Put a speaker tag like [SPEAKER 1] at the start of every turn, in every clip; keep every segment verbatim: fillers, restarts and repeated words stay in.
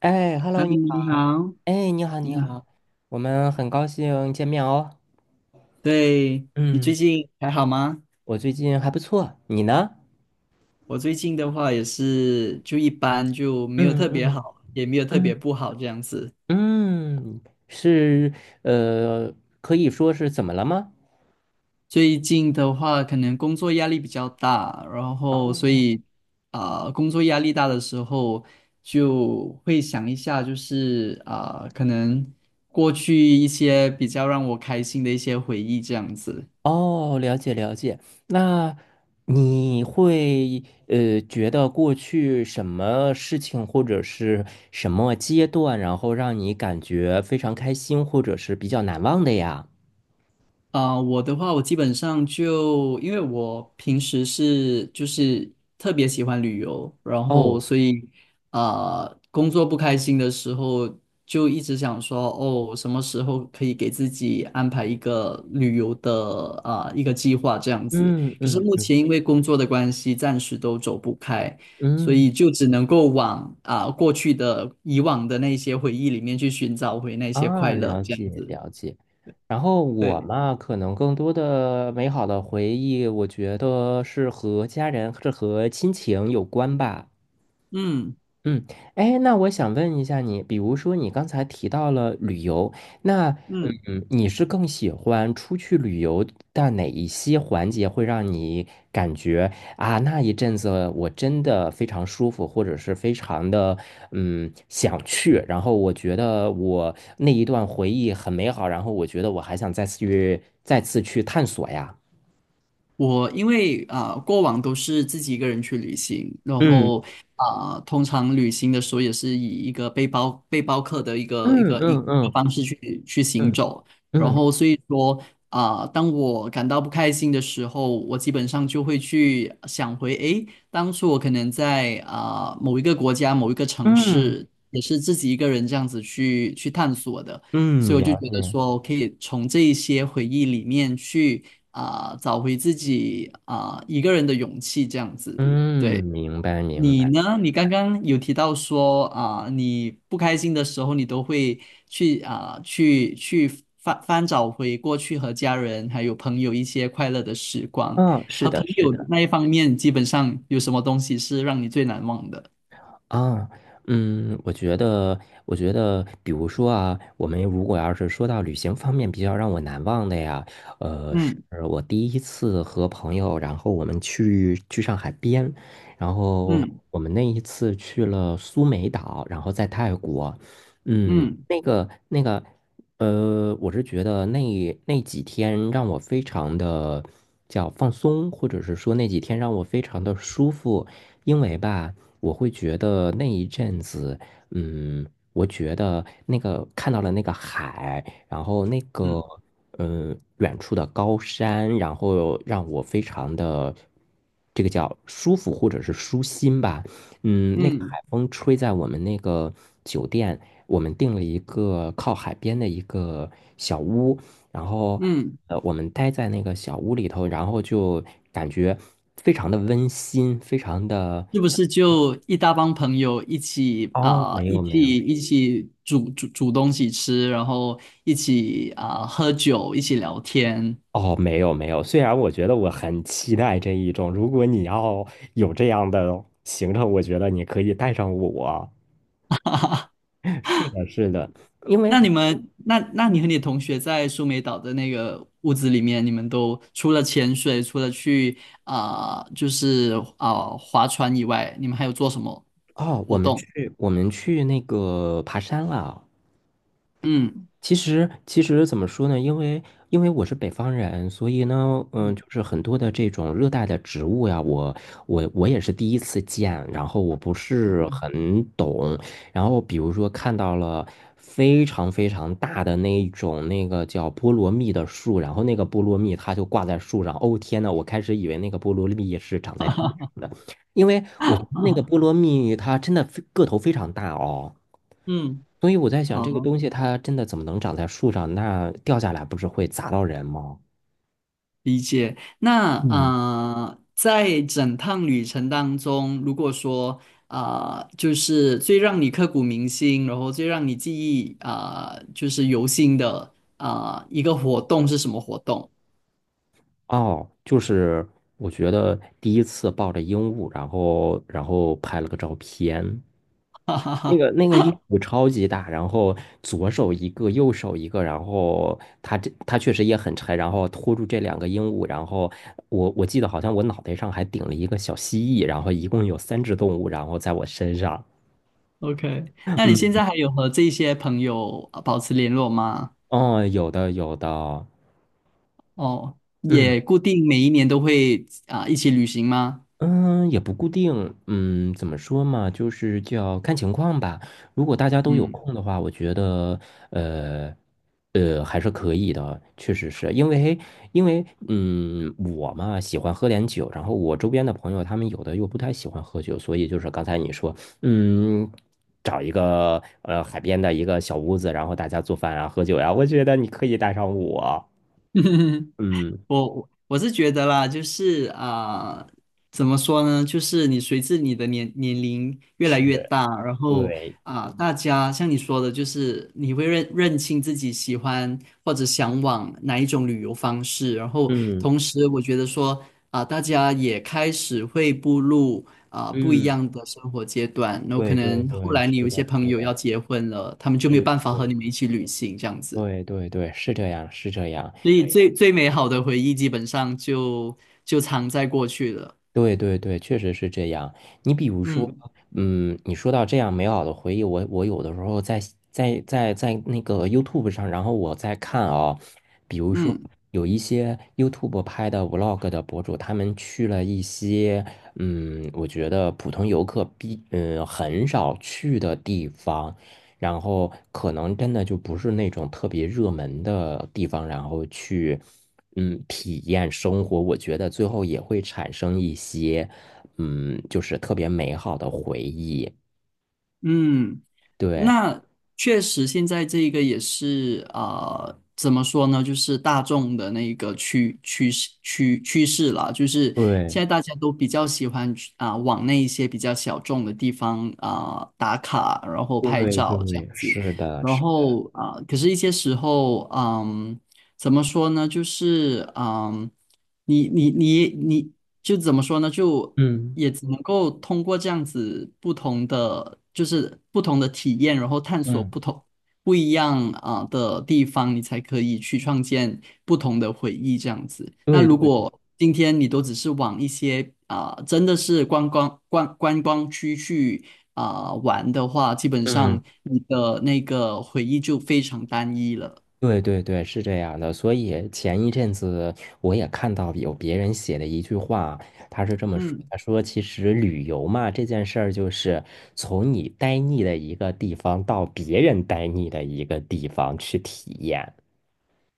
[SPEAKER 1] 哎
[SPEAKER 2] 哈嗨，
[SPEAKER 1] ，Hello，你
[SPEAKER 2] 你
[SPEAKER 1] 好。
[SPEAKER 2] 好，
[SPEAKER 1] 哎，你好，你
[SPEAKER 2] 你好。
[SPEAKER 1] 好，我们很高兴见面哦。
[SPEAKER 2] 对，你最
[SPEAKER 1] 嗯，
[SPEAKER 2] 近还好吗？
[SPEAKER 1] 我最近还不错，你呢？
[SPEAKER 2] 我最近的话也是就一般，就没有
[SPEAKER 1] 嗯
[SPEAKER 2] 特别
[SPEAKER 1] 嗯
[SPEAKER 2] 好，也没有特别
[SPEAKER 1] 嗯
[SPEAKER 2] 不好这样子。
[SPEAKER 1] 嗯，是呃，可以说是怎么了吗？
[SPEAKER 2] 最近的话，可能工作压力比较大，然后所
[SPEAKER 1] 哦
[SPEAKER 2] 以啊、工作压力大的时候，就会想一下，就是啊、可能过去一些比较让我开心的一些回忆这样子。
[SPEAKER 1] 哦，了解了解。那你会呃觉得过去什么事情或者是什么阶段，然后让你感觉非常开心，或者是比较难忘的呀？
[SPEAKER 2] 啊、我的话，我基本上就因为我平时是就是特别喜欢旅游，然后
[SPEAKER 1] 哦，
[SPEAKER 2] 所以啊，呃工作不开心的时候，就一直想说，哦，什么时候可以给自己安排一个旅游的啊、一个计划这样子。
[SPEAKER 1] 嗯
[SPEAKER 2] 可是
[SPEAKER 1] 嗯
[SPEAKER 2] 目
[SPEAKER 1] 嗯。
[SPEAKER 2] 前因为工作的关系，暂时都走不开，所
[SPEAKER 1] 嗯
[SPEAKER 2] 以就只能够往啊、过去的以往的那些回忆里面去寻找回那些
[SPEAKER 1] 啊，
[SPEAKER 2] 快乐
[SPEAKER 1] 了
[SPEAKER 2] 这样
[SPEAKER 1] 解
[SPEAKER 2] 子。
[SPEAKER 1] 了解。然后我
[SPEAKER 2] 对，
[SPEAKER 1] 嘛，可能更多的美好的回忆，我觉得是和家人，是和亲情有关吧。
[SPEAKER 2] 嗯
[SPEAKER 1] 嗯，哎，那我想问一下你，比如说你刚才提到了旅游，那
[SPEAKER 2] 嗯。
[SPEAKER 1] 嗯，你是更喜欢出去旅游的哪一些环节会让你感觉啊，那一阵子我真的非常舒服，或者是非常的嗯想去，然后我觉得我那一段回忆很美好，然后我觉得我还想再次去再次去探索呀。
[SPEAKER 2] 我因为啊、过往都是自己一个人去旅行，然
[SPEAKER 1] 嗯
[SPEAKER 2] 后啊、通常旅行的时候也是以一个背包背包客的一个一
[SPEAKER 1] 嗯
[SPEAKER 2] 个一个
[SPEAKER 1] 嗯嗯
[SPEAKER 2] 方式去去行
[SPEAKER 1] 嗯
[SPEAKER 2] 走，然
[SPEAKER 1] 嗯
[SPEAKER 2] 后所以说啊、当我感到不开心的时候，我基本上就会去想回，诶，当初我可能在啊、某一个国家某一个城
[SPEAKER 1] 嗯，
[SPEAKER 2] 市，也是自己一个人这样子去去探索的。所
[SPEAKER 1] 嗯
[SPEAKER 2] 以我就
[SPEAKER 1] 了
[SPEAKER 2] 觉得
[SPEAKER 1] 解。
[SPEAKER 2] 说，可以从这一些回忆里面去啊、找回自己啊、一个人的勇气这样子。
[SPEAKER 1] 嗯，
[SPEAKER 2] 对。
[SPEAKER 1] 明白明
[SPEAKER 2] 你
[SPEAKER 1] 白。
[SPEAKER 2] 呢？你刚刚有提到说啊、你不开心的时候，你都会去啊、去去翻翻找回过去和家人还有朋友一些快乐的时光。
[SPEAKER 1] 嗯，是
[SPEAKER 2] 和朋
[SPEAKER 1] 的，是
[SPEAKER 2] 友
[SPEAKER 1] 的。
[SPEAKER 2] 那一方面，基本上有什么东西是让你最难忘的？
[SPEAKER 1] 啊，嗯，我觉得，我觉得，比如说啊，我们如果要是说到旅行方面比较让我难忘的呀，呃，是
[SPEAKER 2] 嗯
[SPEAKER 1] 我第一次和朋友，然后我们去去上海边，然后
[SPEAKER 2] 嗯
[SPEAKER 1] 我们那一次去了苏梅岛，然后在泰国，嗯，
[SPEAKER 2] 嗯
[SPEAKER 1] 那个那个，呃，我是觉得那那几天让我非常的叫放松，或者是说那几天让我非常的舒服，因为吧。我会觉得那一阵子，嗯，我觉得那个看到了那个海，然后那个
[SPEAKER 2] 嗯
[SPEAKER 1] 嗯远处的高山，然后让我非常的这个叫舒服或者是舒心吧。嗯，那个海
[SPEAKER 2] 嗯
[SPEAKER 1] 风吹在我们那个酒店，我们订了一个靠海边的一个小屋，然后
[SPEAKER 2] 嗯。
[SPEAKER 1] 呃，我们待在那个小屋里头，然后就感觉非常的温馨，非常的
[SPEAKER 2] 是不是就一大帮朋友一起
[SPEAKER 1] 哦，
[SPEAKER 2] 啊、
[SPEAKER 1] 没
[SPEAKER 2] 一
[SPEAKER 1] 有没
[SPEAKER 2] 起
[SPEAKER 1] 有，
[SPEAKER 2] 一起煮煮煮东西吃，然后一起啊、喝酒，一起聊天？
[SPEAKER 1] 哦，没有没有。虽然我觉得我很期待这一种，如果你要有这样的行程，我觉得你可以带上我。是的，是的，因为
[SPEAKER 2] 那你们，那那你和你同学在苏梅岛的那个屋子里面，你们都除了潜水，除了去啊、就是啊、划船以外，你们还有做什么
[SPEAKER 1] 哦，我
[SPEAKER 2] 活
[SPEAKER 1] 们
[SPEAKER 2] 动？
[SPEAKER 1] 去我们去那个爬山了。
[SPEAKER 2] 嗯
[SPEAKER 1] 其实，其实怎么说呢？因为因为我是北方人，所以呢，嗯，
[SPEAKER 2] 嗯
[SPEAKER 1] 就是很多的这种热带的植物呀，我我我也是第一次见，然后我不是很懂，然后比如说看到了非常非常大的那一种那个叫菠萝蜜的树，然后那个菠萝蜜它就挂在树上，哦天呐，我开始以为那个菠萝蜜是长在地上的，因为我觉得那个菠萝蜜它真的非个头非常大哦。
[SPEAKER 2] 嗯，
[SPEAKER 1] 所以我在想，这个
[SPEAKER 2] 好。
[SPEAKER 1] 东西它真的怎么能长在树上？那掉下来不是会砸到人吗？
[SPEAKER 2] 理解。那
[SPEAKER 1] 嗯
[SPEAKER 2] 呃，在整趟旅程当中，如果说啊、呃就是最让你刻骨铭心，然后最让你记忆啊、呃就是犹新的啊、呃一个活动是什么活动
[SPEAKER 1] 哦，就是我觉得第一次抱着鹦鹉，然后然后拍了个照片，那个那个鹦鹉超级大，然后左手一个，右手一个，然后它这它确实也很沉，然后拖住这两个鹦鹉，然后我我记得好像我脑袋上还顶了一个小蜥蜴，然后一共有三只动物，然后在我身上，
[SPEAKER 2] ？OK，那你现
[SPEAKER 1] 嗯，
[SPEAKER 2] 在还有和这些朋友呃保持联络吗？
[SPEAKER 1] 哦，有的有的，
[SPEAKER 2] 哦，
[SPEAKER 1] 嗯。
[SPEAKER 2] 也固定每一年都会啊、一起旅行吗？
[SPEAKER 1] 嗯，也不固定，嗯，怎么说嘛，就是叫看情况吧。如果大家都有
[SPEAKER 2] 嗯。
[SPEAKER 1] 空的话，我觉得，呃，呃，还是可以的，确实是因为，因为，嗯，我嘛喜欢喝点酒，然后我周边的朋友他们有的又不太喜欢喝酒，所以就是刚才你说，嗯，找一个呃海边的一个小屋子，然后大家做饭啊，喝酒呀，我觉得你可以带上我，嗯，
[SPEAKER 2] 我我是觉得啦，就是啊、怎么说呢？就是你随着你的年年龄越来越大，然后
[SPEAKER 1] 对，
[SPEAKER 2] 啊、大家像你说的，就是你会认认清自己喜欢或者向往哪一种旅游方式，然后
[SPEAKER 1] 嗯
[SPEAKER 2] 同时我觉得说啊、大家也开始会步入啊、不一
[SPEAKER 1] 嗯，
[SPEAKER 2] 样的生活阶段，然后可
[SPEAKER 1] 对对
[SPEAKER 2] 能后
[SPEAKER 1] 对，
[SPEAKER 2] 来
[SPEAKER 1] 是
[SPEAKER 2] 你有一些
[SPEAKER 1] 的，
[SPEAKER 2] 朋
[SPEAKER 1] 是
[SPEAKER 2] 友要
[SPEAKER 1] 的。
[SPEAKER 2] 结婚了，他们就没有
[SPEAKER 1] 是
[SPEAKER 2] 办法和
[SPEAKER 1] 是
[SPEAKER 2] 你们一起旅行这样子。
[SPEAKER 1] 对对对，是这样，是这样，
[SPEAKER 2] 所以最最美好的回忆基本上就就藏在过去了。
[SPEAKER 1] 对对对，确实是这样。你比如说，
[SPEAKER 2] 嗯
[SPEAKER 1] 嗯，你说到这样美好的回忆，我我有的时候在在在在那个 YouTube 上，然后我在看啊、比如说
[SPEAKER 2] 嗯
[SPEAKER 1] 有一些 YouTube 拍的 Vlog 的博主，他们去了一些，嗯，我觉得普通游客必嗯很少去的地方。然后可能真的就不是那种特别热门的地方，然后去嗯体验生活，我觉得最后也会产生一些嗯就是特别美好的回忆。
[SPEAKER 2] 嗯，
[SPEAKER 1] 对
[SPEAKER 2] 那确实，现在这个也是啊、呃怎么说呢？就是大众的那个趋趋势趋趋势啦，就是
[SPEAKER 1] 对
[SPEAKER 2] 现在大家都比较喜欢去啊、往那一些比较小众的地方啊、打卡，然后拍
[SPEAKER 1] 对
[SPEAKER 2] 照这样
[SPEAKER 1] 对，
[SPEAKER 2] 子。
[SPEAKER 1] 是的，
[SPEAKER 2] 然
[SPEAKER 1] 是的，
[SPEAKER 2] 后啊、可是一些时候，嗯，怎么说呢？就是，嗯，你你你你就怎么说呢？就
[SPEAKER 1] 嗯
[SPEAKER 2] 也只能够通过这样子不同的，就是不同的体验，然后探索不
[SPEAKER 1] 嗯，
[SPEAKER 2] 同不一样啊、的地方，你才可以去创建不同的回忆这样子。那
[SPEAKER 1] 对
[SPEAKER 2] 如
[SPEAKER 1] 对。
[SPEAKER 2] 果今天你都只是往一些啊、真的是观光观观光区去啊、玩的话，基本
[SPEAKER 1] 嗯。
[SPEAKER 2] 上你的那个回忆就非常单一了。
[SPEAKER 1] 对对对，是这样的。所以前一阵子我也看到有别人写的一句话，他是这么说：
[SPEAKER 2] 嗯。
[SPEAKER 1] 他说，其实旅游嘛，这件事儿就是从你呆腻的一个地方到别人呆腻的一个地方去体验。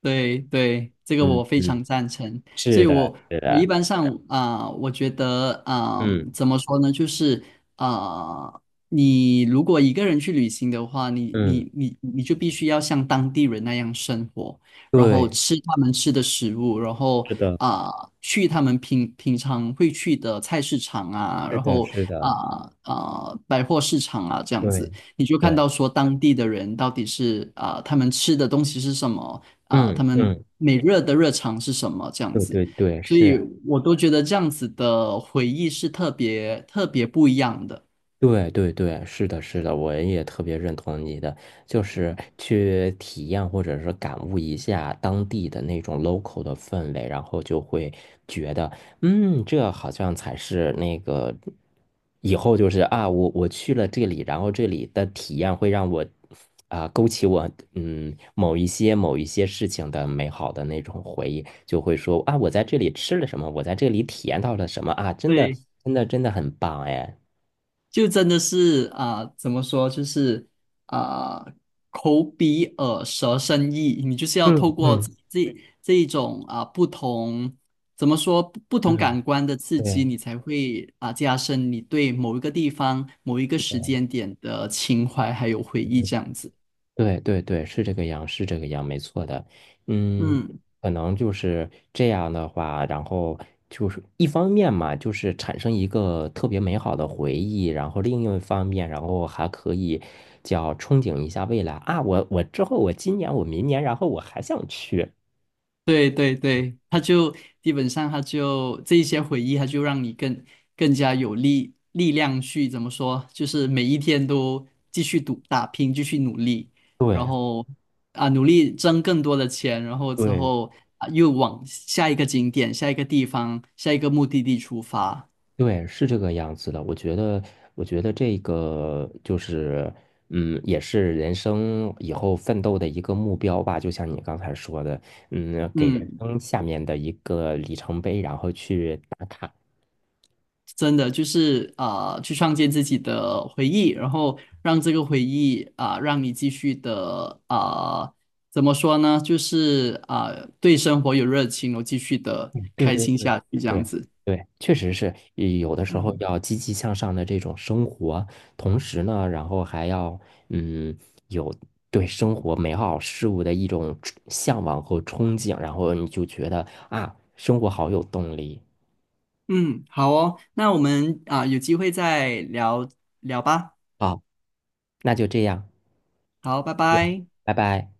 [SPEAKER 2] 对对，这个
[SPEAKER 1] 嗯
[SPEAKER 2] 我非
[SPEAKER 1] 嗯，
[SPEAKER 2] 常赞成。所
[SPEAKER 1] 是
[SPEAKER 2] 以
[SPEAKER 1] 的，
[SPEAKER 2] 我，
[SPEAKER 1] 是
[SPEAKER 2] 我一
[SPEAKER 1] 的，
[SPEAKER 2] 般上啊、我觉得啊、
[SPEAKER 1] 嗯
[SPEAKER 2] 怎么说呢？就是啊、你如果一个人去旅行的话，你
[SPEAKER 1] 嗯，
[SPEAKER 2] 你你你就必须要像当地人那样生活，然后
[SPEAKER 1] 对，
[SPEAKER 2] 吃他们吃的食物，然后
[SPEAKER 1] 是的，
[SPEAKER 2] 啊、去他们平平常会去的菜市场啊，
[SPEAKER 1] 是
[SPEAKER 2] 然
[SPEAKER 1] 的，
[SPEAKER 2] 后
[SPEAKER 1] 是的，
[SPEAKER 2] 啊啊、百货市场啊这样子，
[SPEAKER 1] 对
[SPEAKER 2] 你就看
[SPEAKER 1] 对，
[SPEAKER 2] 到说当地的人到底是啊、他们吃的东西是什么。啊，他
[SPEAKER 1] 嗯
[SPEAKER 2] 们
[SPEAKER 1] 嗯，
[SPEAKER 2] 每日的日常是什么这样
[SPEAKER 1] 对
[SPEAKER 2] 子，
[SPEAKER 1] 对对，
[SPEAKER 2] 所以
[SPEAKER 1] 是。
[SPEAKER 2] 我都觉得这样子的回忆是特别特别不一样的。
[SPEAKER 1] 对对对，是的，是的，我也特别认同你的，就是去体验或者是感悟一下当地的那种 local 的氛围，然后就会觉得，嗯，这好像才是那个以后就是啊，我我去了这里，然后这里的体验会让我啊、勾起我嗯某一些某一些事情的美好的那种回忆，就会说啊，我在这里吃了什么，我在这里体验到了什么啊，真的
[SPEAKER 2] 对，
[SPEAKER 1] 真的真的很棒哎。
[SPEAKER 2] 就真的是啊、怎么说，就是啊、口鼻耳舌身意，你就是要
[SPEAKER 1] 嗯
[SPEAKER 2] 透过这
[SPEAKER 1] 嗯。
[SPEAKER 2] 这这一种啊、不同。怎么说不不同感
[SPEAKER 1] 嗯，
[SPEAKER 2] 官的刺激，
[SPEAKER 1] 对，
[SPEAKER 2] 你才会啊加深你对某一个地方、某一个时间点的情怀还有回
[SPEAKER 1] 对
[SPEAKER 2] 忆这样子。
[SPEAKER 1] 对对对对，是这个样，是这个样，没错的。嗯，
[SPEAKER 2] 嗯。
[SPEAKER 1] 可能就是这样的话，然后就是一方面嘛，就是产生一个特别美好的回忆，然后另一方面，然后还可以叫憧憬一下未来啊，我我之后我今年我明年，然后我还想去。
[SPEAKER 2] 对对对，他就基本上他就这一些回忆，他就让你更更加有力力量去，怎么说，就是每一天都继续赌打拼，继续努力，然
[SPEAKER 1] 对。
[SPEAKER 2] 后啊努力挣更多的钱，然后之
[SPEAKER 1] 对
[SPEAKER 2] 后啊又往下一个景点、下一个地方、下一个目的地出发。
[SPEAKER 1] 对，是这个样子的。我觉得，我觉得这个就是，嗯，也是人生以后奋斗的一个目标吧。就像你刚才说的，嗯，给人
[SPEAKER 2] 嗯，
[SPEAKER 1] 生下面的一个里程碑，然后去打卡。
[SPEAKER 2] 真的就是啊、呃去创建自己的回忆，然后让这个回忆啊、让你继续的啊、怎么说呢？就是啊、对生活有热情，然后继续的
[SPEAKER 1] 嗯对
[SPEAKER 2] 开
[SPEAKER 1] 对
[SPEAKER 2] 心
[SPEAKER 1] 对
[SPEAKER 2] 下去，这样
[SPEAKER 1] 对
[SPEAKER 2] 子。
[SPEAKER 1] 对，确实是也有的时候
[SPEAKER 2] 嗯
[SPEAKER 1] 要积极向上的这种生活，同时呢，然后还要嗯有对生活美好事物的一种憧向往和憧憬，然后你就觉得啊，生活好有动力。
[SPEAKER 2] 嗯，好哦，那我们啊、有机会再聊聊吧。
[SPEAKER 1] 好，那就这样，
[SPEAKER 2] 好，拜
[SPEAKER 1] 再见
[SPEAKER 2] 拜。
[SPEAKER 1] 拜拜。